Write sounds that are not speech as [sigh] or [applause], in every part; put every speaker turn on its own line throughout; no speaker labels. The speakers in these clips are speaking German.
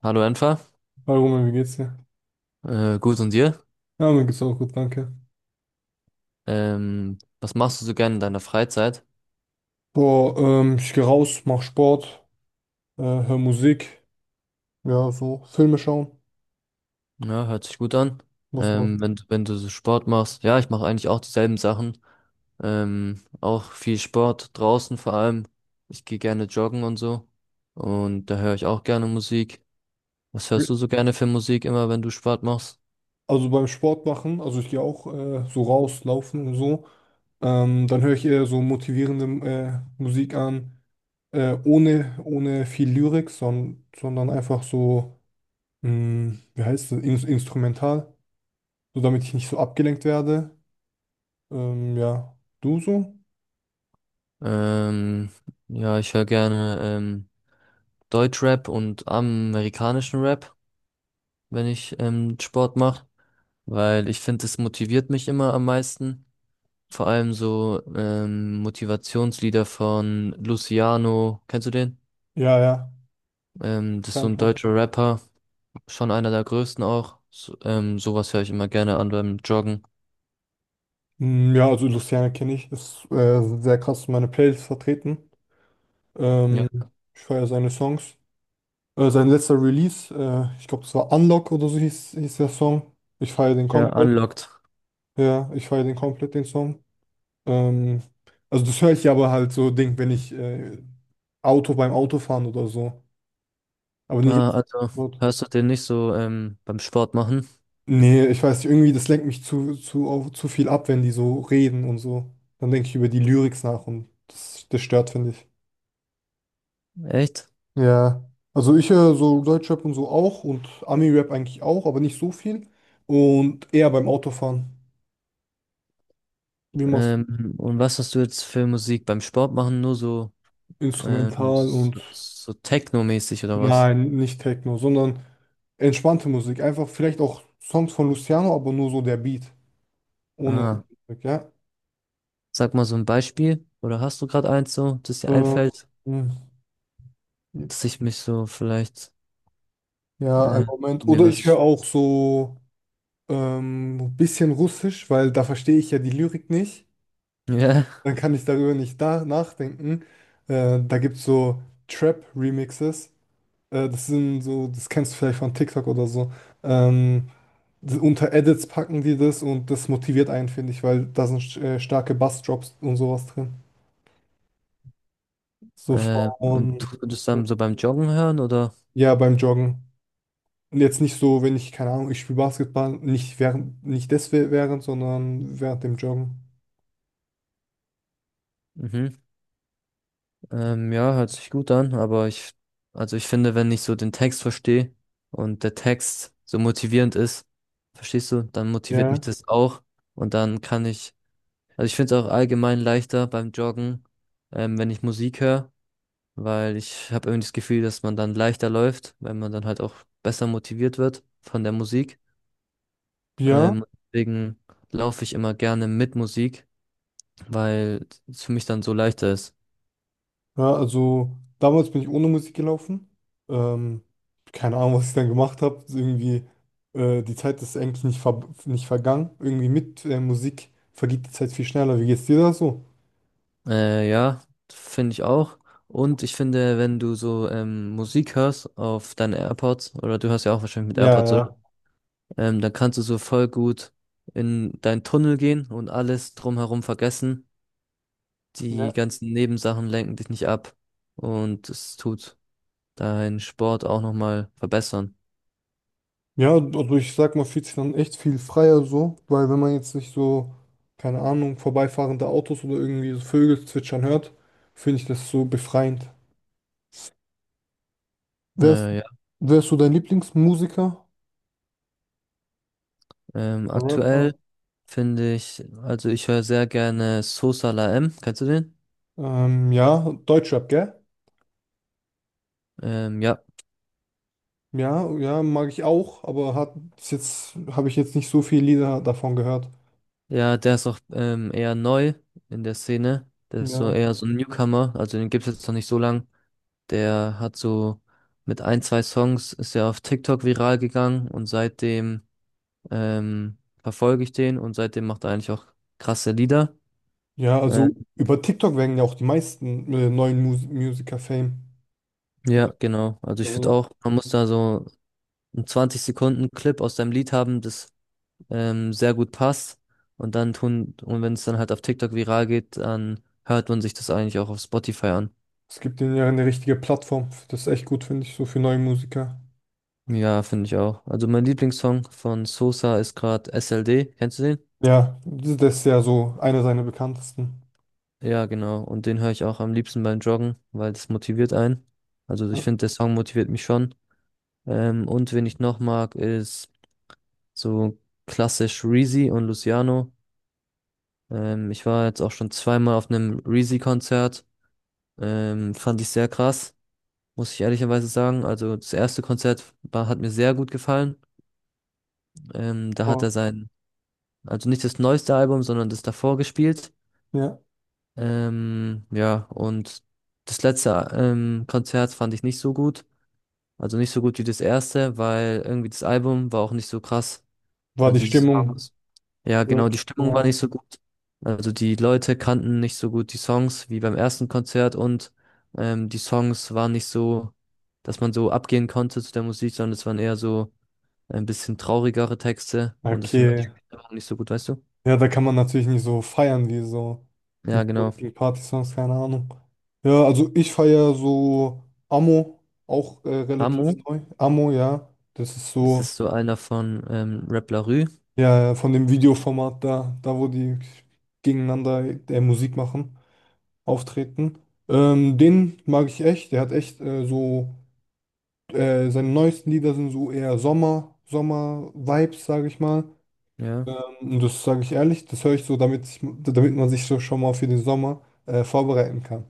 Hallo Enfer.
Hallo Roman, wie geht's dir?
Gut und dir?
Ja, mir geht's auch gut, danke.
Was machst du so gerne in deiner Freizeit?
Boah, ich gehe raus, mach Sport, hör Musik, ja, so Filme schauen,
Ja, hört sich gut an.
muss
Ähm,
man.
wenn, wenn du so Sport machst, ja, ich mache eigentlich auch dieselben Sachen. Auch viel Sport draußen vor allem. Ich gehe gerne joggen und so. Und da höre ich auch gerne Musik. Was hörst du so gerne für Musik immer, wenn du Sport machst?
Also beim Sport machen, also ich gehe auch so raus, laufen und so. Dann höre ich eher so motivierende Musik an, ohne viel Lyrik, sondern einfach so, wie heißt das, In instrumental, so damit ich nicht so abgelenkt werde. Ja, du so?
Ähm, ja, ich höre gerne Deutschrap und amerikanischen Rap, wenn ich Sport mache, weil ich finde, es motiviert mich immer am meisten. Vor allem so Motivationslieder von Luciano, kennst du den?
Ja, ja.
Das ist so ein
Fernfahrt.
deutscher Rapper, schon einer der größten auch. So, sowas höre ich immer gerne an beim Joggen.
Mm, ja, also Luciano kenne ich, ist sehr krass in meiner Playlist vertreten.
Ja,
Ähm, Ich feiere seine Songs. Sein letzter Release, ich glaube, das war Unlock oder so hieß der Song. Ich feiere den
ja,
komplett.
Unlocked.
Ja, ich feiere den komplett, den Song. Ähm, also das höre ich aber halt so, Ding, wenn ich Auto beim Autofahren oder so. Aber nicht.
Ah, also hörst du den nicht so beim Sport machen?
Nee, ich weiß nicht, irgendwie, das lenkt mich zu viel ab, wenn die so reden und so. Dann denke ich über die Lyrics nach und das stört, finde ich.
Echt?
Ja, also ich höre so Deutschrap und so auch und Ami-Rap eigentlich auch, aber nicht so viel. Und eher beim Autofahren. Wie machst du?
Und was hast du jetzt für Musik beim Sport machen? Nur so,
Ja. Instrumental und
so, so Techno-mäßig oder was?
nein, nicht Techno, sondern entspannte Musik. Einfach vielleicht auch Songs von Luciano, aber nur so der Beat. Ohne,
Ah.
ja.
Sag mal so ein Beispiel, oder hast du gerade eins so, das dir
Mhm.
einfällt,
Ähm,
dass
hm,
ich mich so vielleicht
ja, ein
äh,
Moment.
mir
Oder ich höre
was,
auch so ein bisschen Russisch, weil da verstehe ich ja die Lyrik nicht.
[laughs] ja,
Dann kann ich darüber nicht da nachdenken. Da gibt es so Trap-Remixes. Das sind so, das kennst du vielleicht von TikTok oder so. Ähm, Unter Edits packen die das und das motiviert einen, finde ich, weil da sind starke Bassdrops und sowas drin. So
und
von,
tust du das dann so beim Joggen hören oder?
ja, beim Joggen. Und jetzt nicht so, wenn ich, keine Ahnung, ich spiele Basketball, nicht während, nicht des während, sondern während dem Joggen.
Mhm. Ja, hört sich gut an, aber also ich finde, wenn ich so den Text verstehe und der Text so motivierend ist, verstehst du, dann motiviert mich
Ja.
das auch und dann kann also ich finde es auch allgemein leichter beim Joggen, wenn ich Musik höre, weil ich habe irgendwie das Gefühl, dass man dann leichter läuft, wenn man dann halt auch besser motiviert wird von der Musik.
Ja.
Ähm, Deswegen laufe ich immer gerne mit Musik, weil es für mich dann so leichter ist.
Ja, also damals bin ich ohne Musik gelaufen. Ähm, Keine Ahnung, was ich dann gemacht habe. Irgendwie, die Zeit ist eigentlich nicht, ver nicht vergangen. Irgendwie mit Musik vergeht die Zeit viel schneller. Wie geht's dir da so?
Ja, finde ich auch. Und ich finde, wenn du so Musik hörst auf deinen AirPods, oder du hörst ja auch wahrscheinlich mit
Ja,
AirPods, oder?
ja.
Dann kannst du so voll gut in deinen Tunnel gehen und alles drumherum vergessen.
Ja,
Die ganzen Nebensachen lenken dich nicht ab und es tut deinen Sport auch nochmal verbessern.
ja, also ich sag mal, fühlt sich dann echt viel freier so, weil wenn man jetzt nicht so, keine Ahnung, vorbeifahrende Autos oder irgendwie so Vögel zwitschern hört, finde ich das so befreiend. Wer ist,
Ja.
wer ist so dein Lieblingsmusiker? Rapper?
Aktuell finde ich, also ich höre sehr gerne Sosa La M. Kennst du den?
Ja, Deutschrap, gell?
Ja.
Ja, ja, mag ich auch, aber hat bis jetzt habe ich jetzt nicht so viele Lieder davon gehört.
Ja, der ist auch eher neu in der Szene. Der ist so
Ja.
eher so ein Newcomer. Also den gibt's jetzt noch nicht so lang. Der hat so mit ein, zwei Songs ist er auf TikTok viral gegangen und seitdem verfolge ich den und seitdem macht er eigentlich auch krasse Lieder.
Ja, also
Ähm,
über TikTok werden ja auch die meisten neuen Musiker Fame.
ja, genau. Also ich finde
Also
auch, man muss da so einen 20 Sekunden Clip aus deinem Lied haben, das sehr gut passt. Und dann tun, und wenn es dann halt auf TikTok viral geht, dann hört man sich das eigentlich auch auf Spotify an.
es gibt denen ja eine richtige Plattform. Das ist echt gut, finde ich, so für neue Musiker.
Ja, finde ich auch. Also mein Lieblingssong von Sosa ist gerade SLD. Kennst du den?
Ja, das ist ja so einer seiner bekanntesten.
Ja, genau. Und den höre ich auch am liebsten beim Joggen, weil das motiviert einen. Also ich
Ja.
finde, der Song motiviert mich schon. Und wen ich noch mag, ist so klassisch Reezy und Luciano. Ich war jetzt auch schon 2-mal auf einem Reezy-Konzert. Fand ich sehr krass, muss ich ehrlicherweise sagen. Also das erste Konzert war, hat mir sehr gut gefallen. Da hat er
Oh.
sein, Also nicht das neueste Album, sondern das davor gespielt.
Ja.
Ja, und das letzte Konzert fand ich nicht so gut. Also nicht so gut wie das erste, weil irgendwie das Album war auch nicht so krass.
War die
Also dieses
Stimmung.
Ja, genau,
Gut.
die Stimmung war
Ja.
nicht so gut. Also die Leute kannten nicht so gut die Songs wie beim ersten Konzert und die Songs waren nicht so, dass man so abgehen konnte zu der Musik, sondern es waren eher so ein bisschen traurigere Texte und deswegen war die
Okay.
Stimmung nicht so gut, weißt du?
Ja, da kann man natürlich nicht so feiern wie so
Ja,
mit so
genau.
richtigen Party-Songs, keine Ahnung. Ja, also ich feiere so Amo, auch relativ
Amu,
neu. Amo, ja. Das ist
das
so,
ist so einer von Rap La Rue.
ja, von dem Videoformat da wo die gegeneinander Musik machen, auftreten. Den mag ich echt. Der hat echt so, seine neuesten Lieder sind so eher Sommer-Vibes, sage ich mal.
Ja.
Das sage ich ehrlich, das höre ich so, damit, ich, damit man sich so schon mal für den Sommer vorbereiten kann.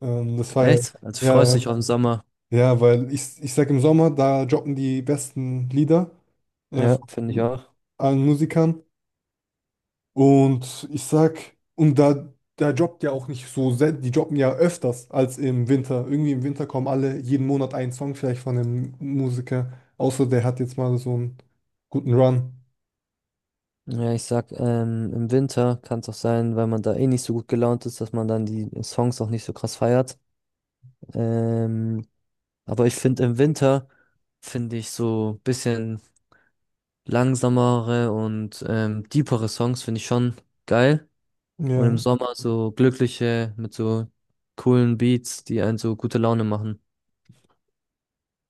Das war ja,
Echt? Also
ja,
freust
ja,
dich auf den Sommer.
ja, weil ich sage im Sommer, da droppen die besten Lieder
Ja, finde ich
von
auch.
allen Musikern. Und ich sag, und da droppt ja auch nicht so, die droppen ja öfters als im Winter. Irgendwie im Winter kommen alle jeden Monat einen Song vielleicht von einem Musiker, außer der hat jetzt mal so einen guten Run.
Ja, ich sag, im Winter kann es auch sein, weil man da eh nicht so gut gelaunt ist, dass man dann die Songs auch nicht so krass feiert. Ähm, aber ich finde im Winter finde ich so ein bisschen langsamere und deepere Songs finde ich schon geil. Und im
Ja.
Sommer so glückliche mit so coolen Beats, die einen so gute Laune machen.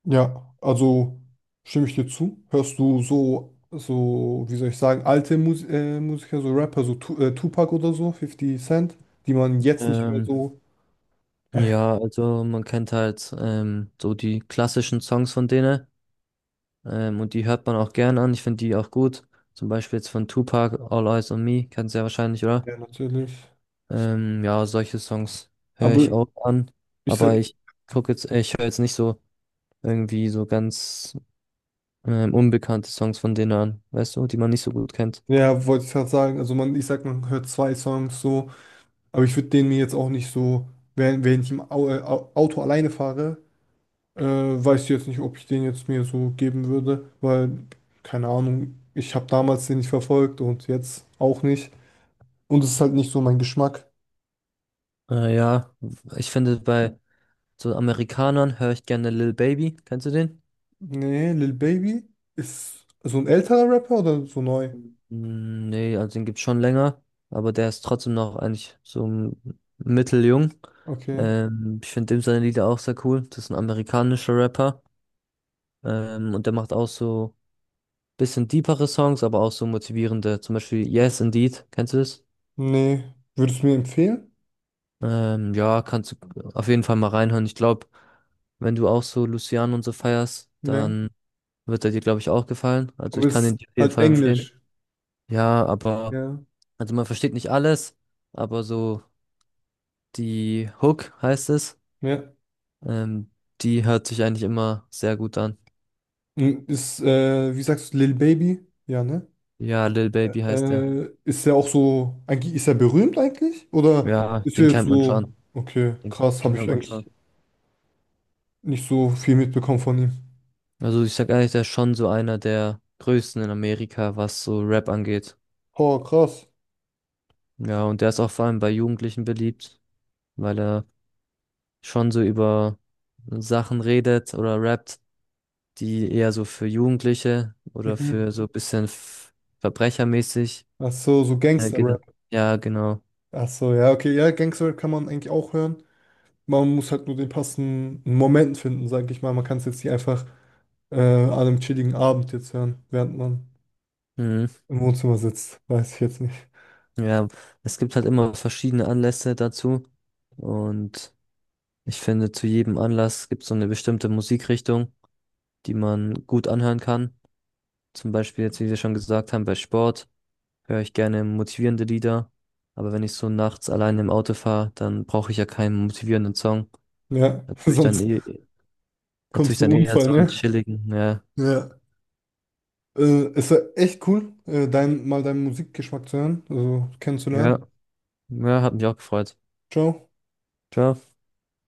Ja, also stimme ich dir zu. Hörst du so, wie soll ich sagen, alte Musiker, so Rapper, so tu Tupac oder so, 50 Cent, die man jetzt nicht mehr
Ähm,
so. [laughs]
ja, also man kennt halt so die klassischen Songs von denen, und die hört man auch gern an. Ich finde die auch gut. Zum Beispiel jetzt von Tupac, All Eyes on Me, kennst du ja wahrscheinlich, oder?
Ja, natürlich.
Ja, solche Songs höre
Aber
ich
Mhm.
auch an,
Ich
aber
sag,
ich gucke jetzt, ich höre jetzt nicht so irgendwie so ganz unbekannte Songs von denen an, weißt du, die man nicht so gut kennt.
ja, wollte ich gerade sagen, also man, ich sag, man hört zwei Songs so, aber ich würde den mir jetzt auch nicht so, wenn ich im Auto alleine fahre, weiß ich jetzt nicht, ob ich den jetzt mir so geben würde, weil, keine Ahnung, ich habe damals den nicht verfolgt und jetzt auch nicht. Und es ist halt nicht so mein Geschmack.
Ja, ich finde bei so Amerikanern höre ich gerne Lil Baby, kennst du den?
Nee, Lil Baby ist so ein älterer Rapper oder so neu?
Mm, nee, also den gibt's schon länger, aber der ist trotzdem noch eigentlich so mitteljung.
Okay.
Ich finde dem seine Lieder auch sehr cool. Das ist ein amerikanischer Rapper. Und der macht auch so bisschen deepere Songs, aber auch so motivierende. Zum Beispiel Yes Indeed, kennst du das?
Nee. Würdest du mir empfehlen?
Ja, kannst du auf jeden Fall mal reinhören. Ich glaube, wenn du auch so Luciano und so feierst,
Ja.
dann wird er dir, glaube ich, auch gefallen. Also
Aber
ich kann ihn
ist
dir auf jeden
halt
Fall empfehlen.
Englisch.
Ja, aber,
Ja.
also man versteht nicht alles, aber so die Hook heißt es,
Ja.
ähm, die hört sich eigentlich immer sehr gut an.
Und wie sagst du, Lil Baby? Ja, ne?
Ja, Lil Baby heißt er.
Ist er auch so, eigentlich, ist er berühmt eigentlich? Oder
Ja,
ist
den
er jetzt
kennt man
so,
schon.
okay,
Den,
krass,
den
habe
kennt
ich
man
eigentlich
schon.
nicht so viel mitbekommen von ihm.
Also ich sag ehrlich, der ist schon so einer der größten in Amerika, was so Rap angeht.
Oh, krass.
Ja, und der ist auch vor allem bei Jugendlichen beliebt, weil er schon so über Sachen redet oder rappt, die eher so für Jugendliche oder für
Mhm.
so ein bisschen verbrechermäßig
Ach so, so
geht.
Gangster-Rap.
Ja, genau.
Ach so, ja, okay, ja, Gangster-Rap kann man eigentlich auch hören. Man muss halt nur den passenden Moment finden, sage ich mal. Man kann es jetzt nicht einfach an einem chilligen Abend jetzt hören, während man
Mhm.
im Wohnzimmer sitzt. Weiß ich jetzt nicht.
Ja, es gibt halt immer verschiedene Anlässe dazu. Und ich finde, zu jedem Anlass gibt es so eine bestimmte Musikrichtung, die man gut anhören kann. Zum Beispiel jetzt, wie wir schon gesagt haben, bei Sport höre ich gerne motivierende Lieder. Aber wenn ich so nachts allein im Auto fahre, dann brauche ich ja keinen motivierenden Song.
Ja, [laughs]
Natürlich dann
sonst
eh,
kommt es
natürlich
zum
dann eher
Unfall,
so einen
ne?
chilligen. Ja,
Ja. Äh, Es war echt cool, mal deinen Musikgeschmack zu hören, also kennenzulernen.
ja, ja, hat mich auch gefreut.
Ciao.
Ciao.